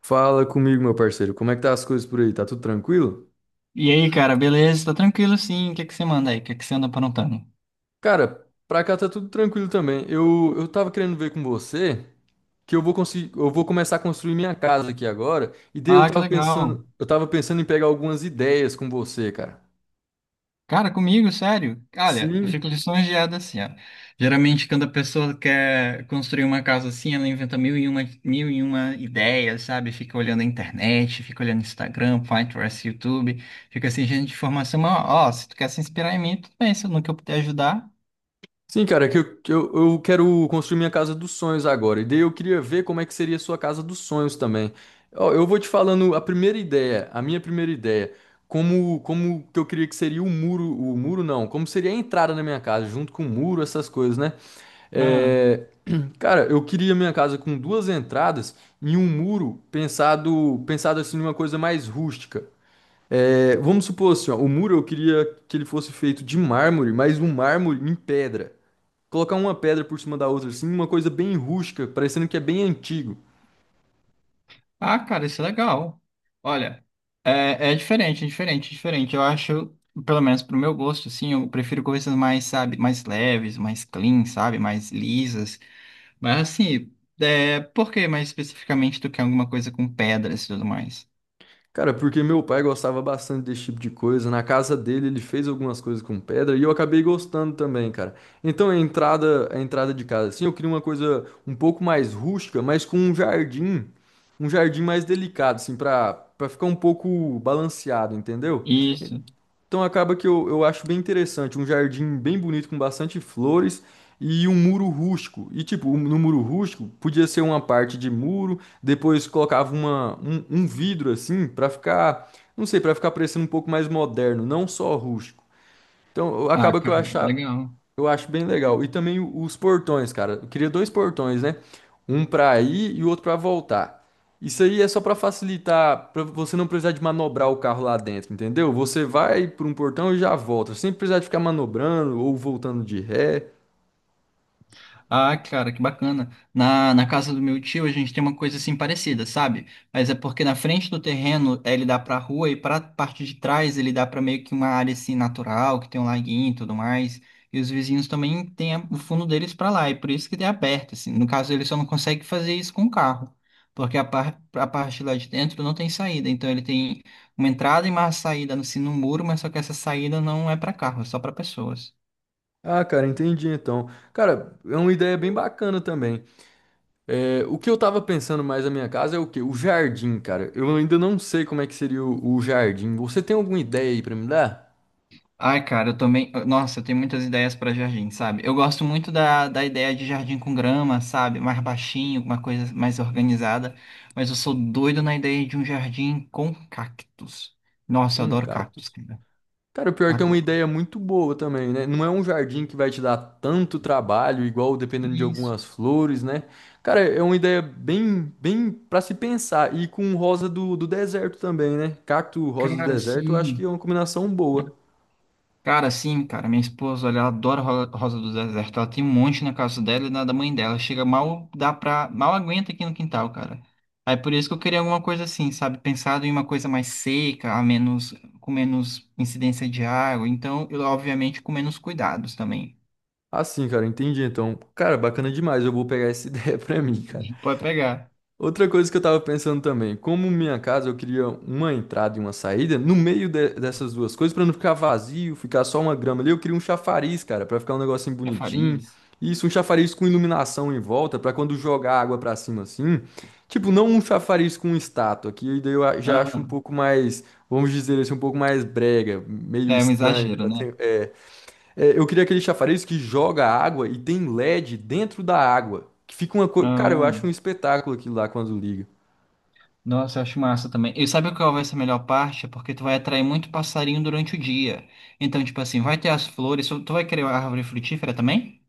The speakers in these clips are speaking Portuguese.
Fala comigo, meu parceiro. Como é que tá as coisas por aí? Tá tudo tranquilo? E aí, cara, beleza? Tá tranquilo sim. O que que você manda aí? O que que você anda aprontando? Cara, pra cá tá tudo tranquilo também. Eu tava querendo ver com você que eu vou conseguir, eu vou começar a construir minha casa aqui agora, e daí Ah, que legal. Eu tava pensando em pegar algumas ideias com você, cara. Cara, comigo, sério? Olha, eu Sim. fico lisonjeado assim, ó. Geralmente, quando a pessoa quer construir uma casa assim, ela inventa mil e uma ideias, sabe? Fica olhando a internet, fica olhando Instagram, Pinterest, YouTube. Fica assim, gente de informação. Mas, ó, se tu quer se inspirar em mim, tudo bem, se no que eu puder ajudar. Sim, cara, é que eu quero construir minha casa dos sonhos agora. E daí eu queria ver como é que seria a sua casa dos sonhos também. Ó, eu vou te falando a primeira ideia, a minha primeira ideia. Como que eu queria que seria o muro não, como seria a entrada na minha casa, junto com o muro, essas coisas, né? É, cara, eu queria minha casa com duas entradas e um muro pensado, pensado assim numa coisa mais rústica. É, vamos supor assim, ó, o muro eu queria que ele fosse feito de mármore, mas um mármore em pedra. Colocar uma pedra por cima da outra, assim, uma coisa bem rústica, parecendo que é bem antigo. Ah, cara, isso é legal. Olha, é diferente, é diferente, é diferente. Eu acho, pelo menos pro meu gosto, assim, eu prefiro coisas mais, sabe, mais leves, mais clean, sabe, mais lisas. Mas assim, por que mais especificamente tu quer alguma coisa com pedras e tudo mais? Cara, porque meu pai gostava bastante desse tipo de coisa. Na casa dele, ele fez algumas coisas com pedra e eu acabei gostando também, cara. Então a entrada de casa, assim, eu queria uma coisa um pouco mais rústica, mas com um jardim mais delicado, assim, pra ficar um pouco balanceado, entendeu? Isso. Então acaba que eu acho bem interessante, um jardim bem bonito com bastante flores e um muro rústico. E tipo, no muro rústico podia ser uma parte de muro, depois colocava um vidro assim pra ficar, não sei, pra ficar parecendo um pouco mais moderno, não só rústico. Então Ah, acaba que eu cara, achava, legal. eu acho bem legal. E também os portões, cara. Eu queria dois portões, né? Um pra ir e o outro pra voltar. Isso aí é só pra facilitar, pra você não precisar de manobrar o carro lá dentro, entendeu? Você vai por um portão e já volta, sem precisar de ficar manobrando ou voltando de ré. Ah, cara, que bacana. Na casa do meu tio a gente tem uma coisa assim parecida, sabe? Mas é porque na frente do terreno ele dá pra rua e pra parte de trás ele dá pra meio que uma área assim natural, que tem um laguinho e tudo mais. E os vizinhos também têm o fundo deles pra lá, e por isso que tem aberto, assim. No caso, ele só não consegue fazer isso com o carro, porque a parte lá de dentro não tem saída. Então ele tem uma entrada e uma saída assim no muro, mas só que essa saída não é pra carro, é só pra pessoas. Ah, cara, entendi então. Cara, é uma ideia bem bacana também. É, o que eu tava pensando mais na minha casa é o quê? O jardim, cara. Eu ainda não sei como é que seria o jardim. Você tem alguma ideia aí pra me dar? Ai, cara, eu também. Nossa, eu tenho muitas ideias para jardim, sabe? Eu gosto muito da ideia de jardim com grama, sabe? Mais baixinho, uma coisa mais organizada. Mas eu sou doido na ideia de um jardim com cactos. Nossa, eu Um adoro cacto. cactos, cara. Cara, o pior é que é uma Adoro. ideia muito boa também, né? Não é um jardim que vai te dar tanto trabalho, igual dependendo de Isso, algumas flores, né? Cara, é uma ideia bem, bem para se pensar. E com rosa do deserto também, né? Cacto, rosa do cara, deserto, eu acho que sim. é uma combinação boa. Cara, sim, cara, minha esposa, olha, ela adora Rosa do Deserto. Ela tem um monte na casa dela e na da mãe dela. Chega mal, mal aguenta aqui no quintal, cara. Aí por isso que eu queria alguma coisa assim, sabe? Pensado em uma coisa mais seca, com menos incidência de água. Então, eu, obviamente, com menos cuidados também. Assim, cara, entendi. Então, cara, bacana demais. Eu vou pegar essa ideia pra mim, cara. Pode pegar. Outra coisa que eu tava pensando também, como minha casa eu queria uma entrada e uma saída, no dessas duas coisas, pra não ficar vazio, ficar só uma grama ali, eu queria um chafariz, cara, pra ficar um negocinho É farinha. bonitinho. Isso, um chafariz com iluminação em volta, pra quando jogar água pra cima assim. Tipo, não um chafariz com estátua, que daí já acho um Aham. pouco mais, vamos dizer assim, um pouco mais brega, meio É um estranho exagero, para ter. Eu queria aquele chafariz que joga água e tem LED dentro da água. Que fica uma coisa. Cara, eu né? acho um espetáculo aquilo lá quando liga. Nossa, eu acho massa também. E sabe qual vai ser a melhor parte? É porque tu vai atrair muito passarinho durante o dia. Então, tipo assim, vai ter as flores. Tu vai querer a árvore frutífera também?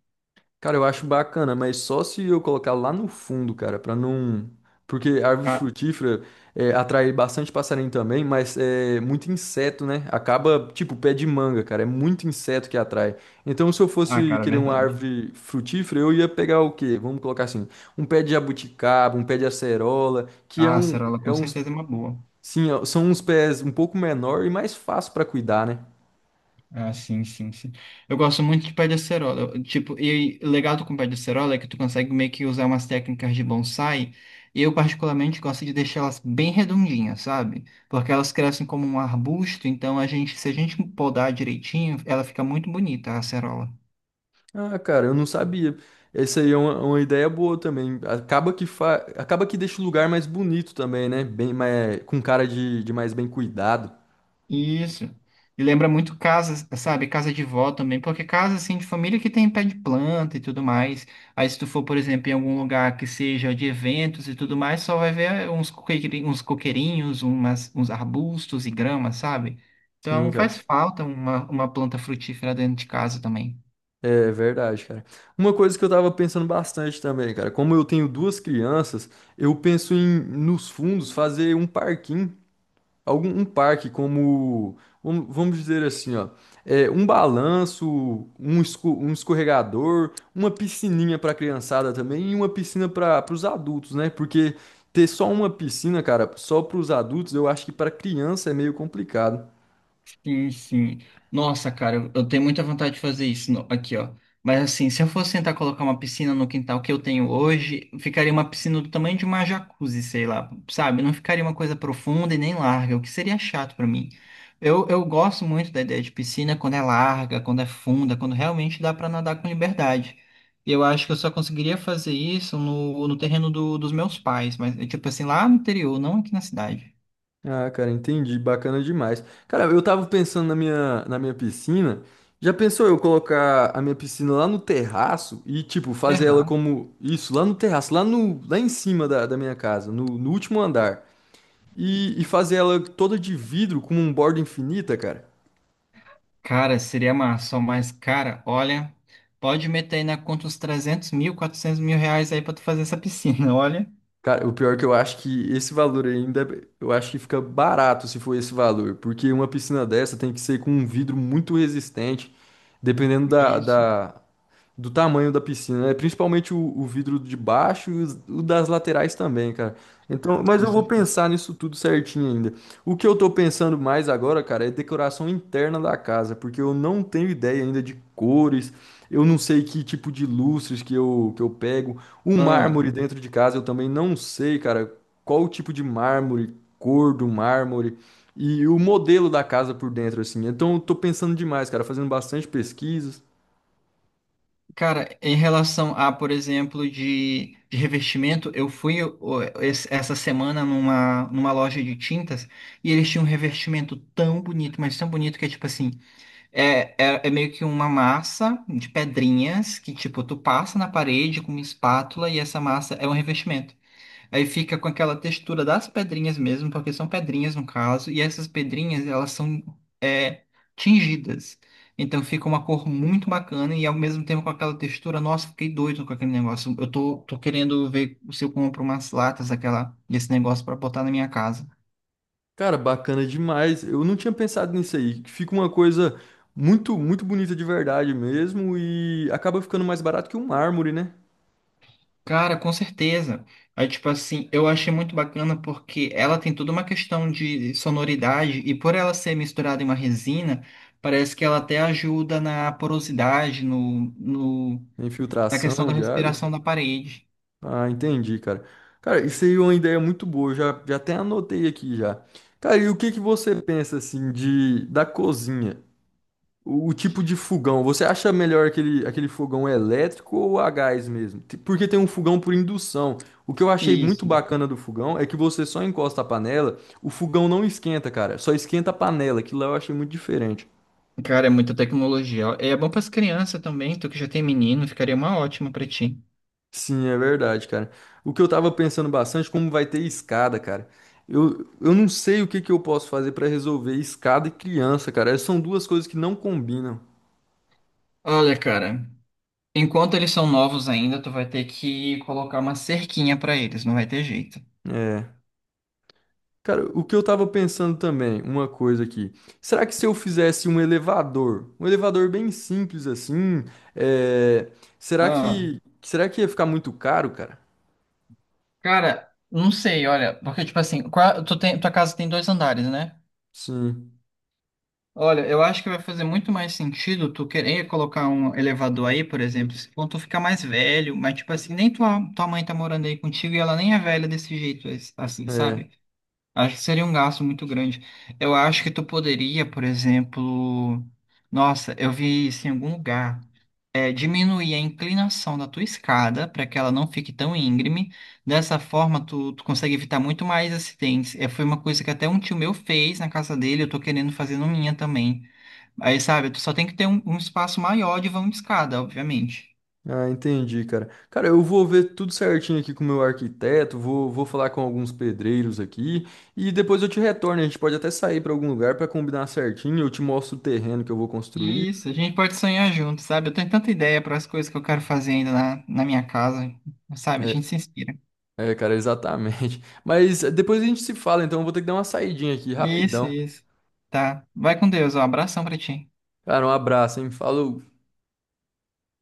Cara, eu acho bacana, mas só se eu colocar lá no fundo, cara, pra não. Porque a árvore Ah, frutífera atrai bastante passarinho também, mas é muito inseto, né? Acaba, tipo, pé de manga, cara. É muito inseto que atrai. Então, se eu ah, fosse cara, é querer uma verdade. árvore frutífera, eu ia pegar o quê? Vamos colocar assim: um pé de jabuticaba, um pé de acerola, que é Ah, a acerola é com uns certeza é uma boa. Sim, ó, são uns pés um pouco menor e mais fácil para cuidar, né? Ah, sim, sim, sim. Eu gosto muito de pé de acerola. Tipo, e o legal do com pé de acerola é que tu consegue meio que usar umas técnicas de bonsai. E eu, particularmente, gosto de deixar elas bem redondinhas, sabe? Porque elas crescem como um arbusto, então a gente, se a gente podar direitinho, ela fica muito bonita, a acerola. Ah, cara, eu não sabia. Essa aí é uma ideia boa também. Acaba que fa... acaba que deixa o lugar mais bonito também, né? Bem mais... com cara de mais bem cuidado. Isso. E lembra muito casa, sabe? Casa de vó também, porque casa assim de família que tem pé de planta e tudo mais. Aí se tu for, por exemplo, em algum lugar que seja de eventos e tudo mais, só vai ver uns coqueirinhos, umas, uns arbustos e grama, sabe? Sim, Então faz cara. falta uma planta frutífera dentro de casa também. É verdade, cara. Uma coisa que eu tava pensando bastante também, cara, como eu tenho duas crianças, eu penso em nos fundos fazer um parquinho algum um parque como vamos dizer assim, ó, um balanço, um escorregador, uma piscininha para criançada também e uma piscina para os adultos, né? Porque ter só uma piscina, cara, só para os adultos, eu acho que para criança é meio complicado. Sim, sim. Nossa, cara, eu tenho muita vontade de fazer isso aqui, ó. Mas assim, se eu fosse tentar colocar uma piscina no quintal que eu tenho hoje, ficaria uma piscina do tamanho de uma jacuzzi, sei lá, sabe? Não ficaria uma coisa profunda e nem larga, o que seria chato pra mim. Eu gosto muito da ideia de piscina quando é larga, quando é funda, quando realmente dá pra nadar com liberdade. E eu acho que eu só conseguiria fazer isso no terreno dos meus pais, mas tipo assim, lá no interior, não aqui na cidade. Ah, cara, entendi. Bacana demais. Cara, eu tava pensando na minha piscina. Já pensou eu colocar a minha piscina lá no terraço e, tipo, fazer ela Errar. como isso, lá no terraço, lá no, lá em cima da, da minha casa, no último andar. E fazer ela toda de vidro com um borda infinita, cara. Cara, seria massa, mas, cara, olha, pode meter aí na conta uns 300.000, R$ 400.000 aí pra tu fazer essa piscina, olha. Cara, o pior é que eu acho que esse valor ainda, eu acho que fica barato se for esse valor, porque uma piscina dessa tem que ser com um vidro muito resistente, dependendo Isso, do tamanho da piscina, né? Principalmente o vidro de baixo e o das laterais também, cara. Então, mas com eu vou certeza. pensar nisso tudo certinho ainda. O que eu tô pensando mais agora, cara, é decoração interna da casa, porque eu não tenho ideia ainda de cores, eu não sei que tipo de lustres que eu pego. O Ah, mármore dentro de casa eu também não sei, cara, qual o tipo de mármore, cor do mármore. E o modelo da casa por dentro, assim. Então, eu tô pensando demais, cara, fazendo bastante pesquisas. cara, em relação a, por exemplo, de revestimento, eu fui ô, essa semana numa loja de tintas e eles tinham um revestimento tão bonito, mas tão bonito que é tipo assim, é meio que uma massa de pedrinhas que, tipo, tu passa na parede com uma espátula e essa massa é um revestimento. Aí fica com aquela textura das pedrinhas mesmo, porque são pedrinhas no caso, e essas pedrinhas elas são é, tingidas. Então fica uma cor muito bacana e ao mesmo tempo com aquela textura, nossa, fiquei doido com aquele negócio. Eu tô querendo ver se eu compro umas latas daquela, desse negócio para botar na minha casa. Cara, bacana demais. Eu não tinha pensado nisso aí. Fica uma coisa muito, muito bonita de verdade mesmo e acaba ficando mais barato que um mármore, né? Cara, com certeza. Aí, tipo assim, eu achei muito bacana porque ela tem toda uma questão de sonoridade e por ela ser misturada em uma resina, parece que ela até ajuda na porosidade, no, no, A na questão infiltração da de água. respiração da parede. Ah, entendi, cara. Cara, isso aí é uma ideia muito boa. Eu já até anotei aqui já. Cara, e o que que você pensa assim de da cozinha? O tipo de fogão, você acha melhor aquele fogão elétrico ou a gás mesmo? Te- Porque tem um fogão por indução. O que eu achei muito Isso. bacana do fogão é que você só encosta a panela, o fogão não esquenta, cara. Só esquenta a panela. Aquilo lá eu achei muito diferente. Cara, é muita tecnologia. E é bom para as crianças também, tu que já tem menino, ficaria uma ótima para ti. Sim, é verdade, cara. O que eu tava pensando bastante, como vai ter escada, cara. Eu não sei o que que eu posso fazer pra resolver escada e criança, cara. São duas coisas que não combinam. Olha, cara, enquanto eles são novos ainda, tu vai ter que colocar uma cerquinha para eles, não vai ter jeito. É. Cara, o que eu tava pensando também, uma coisa aqui. Será que se eu fizesse um elevador bem simples assim, é, será Ah, que ia ficar muito caro, cara? cara, não sei, olha, porque tipo assim, tu tua casa tem dois andares, né? Sim, Olha, eu acho que vai fazer muito mais sentido tu querer colocar um elevador aí, por exemplo, quando tu ficar mais velho, mas tipo assim, nem tua mãe tá morando aí contigo e ela nem é velha desse jeito, assim, é. sabe? Acho que seria um gasto muito grande. Eu acho que tu poderia, por exemplo, nossa, eu vi isso em algum lugar, diminuir a inclinação da tua escada para que ela não fique tão íngreme. Dessa forma, tu consegue evitar muito mais acidentes. É, foi uma coisa que até um tio meu fez na casa dele, eu tô querendo fazer na minha também. Aí, sabe, tu só tem que ter um, um espaço maior de vão de escada, obviamente. Ah, entendi, cara. Cara, eu vou ver tudo certinho aqui com o meu arquiteto, vou falar com alguns pedreiros aqui e depois eu te retorno. A gente pode até sair para algum lugar para combinar certinho, eu te mostro o terreno que eu vou construir. Isso, a gente pode sonhar junto, sabe? Eu tenho tanta ideia para as coisas que eu quero fazer ainda na minha casa, sabe? A É, gente se inspira. É, cara, exatamente. Mas depois a gente se fala, então eu vou ter que dar uma saidinha aqui, Isso, rapidão. isso. Tá. Vai com Deus, ó. Abração pra ti. Cara, um abraço, hein? Falou.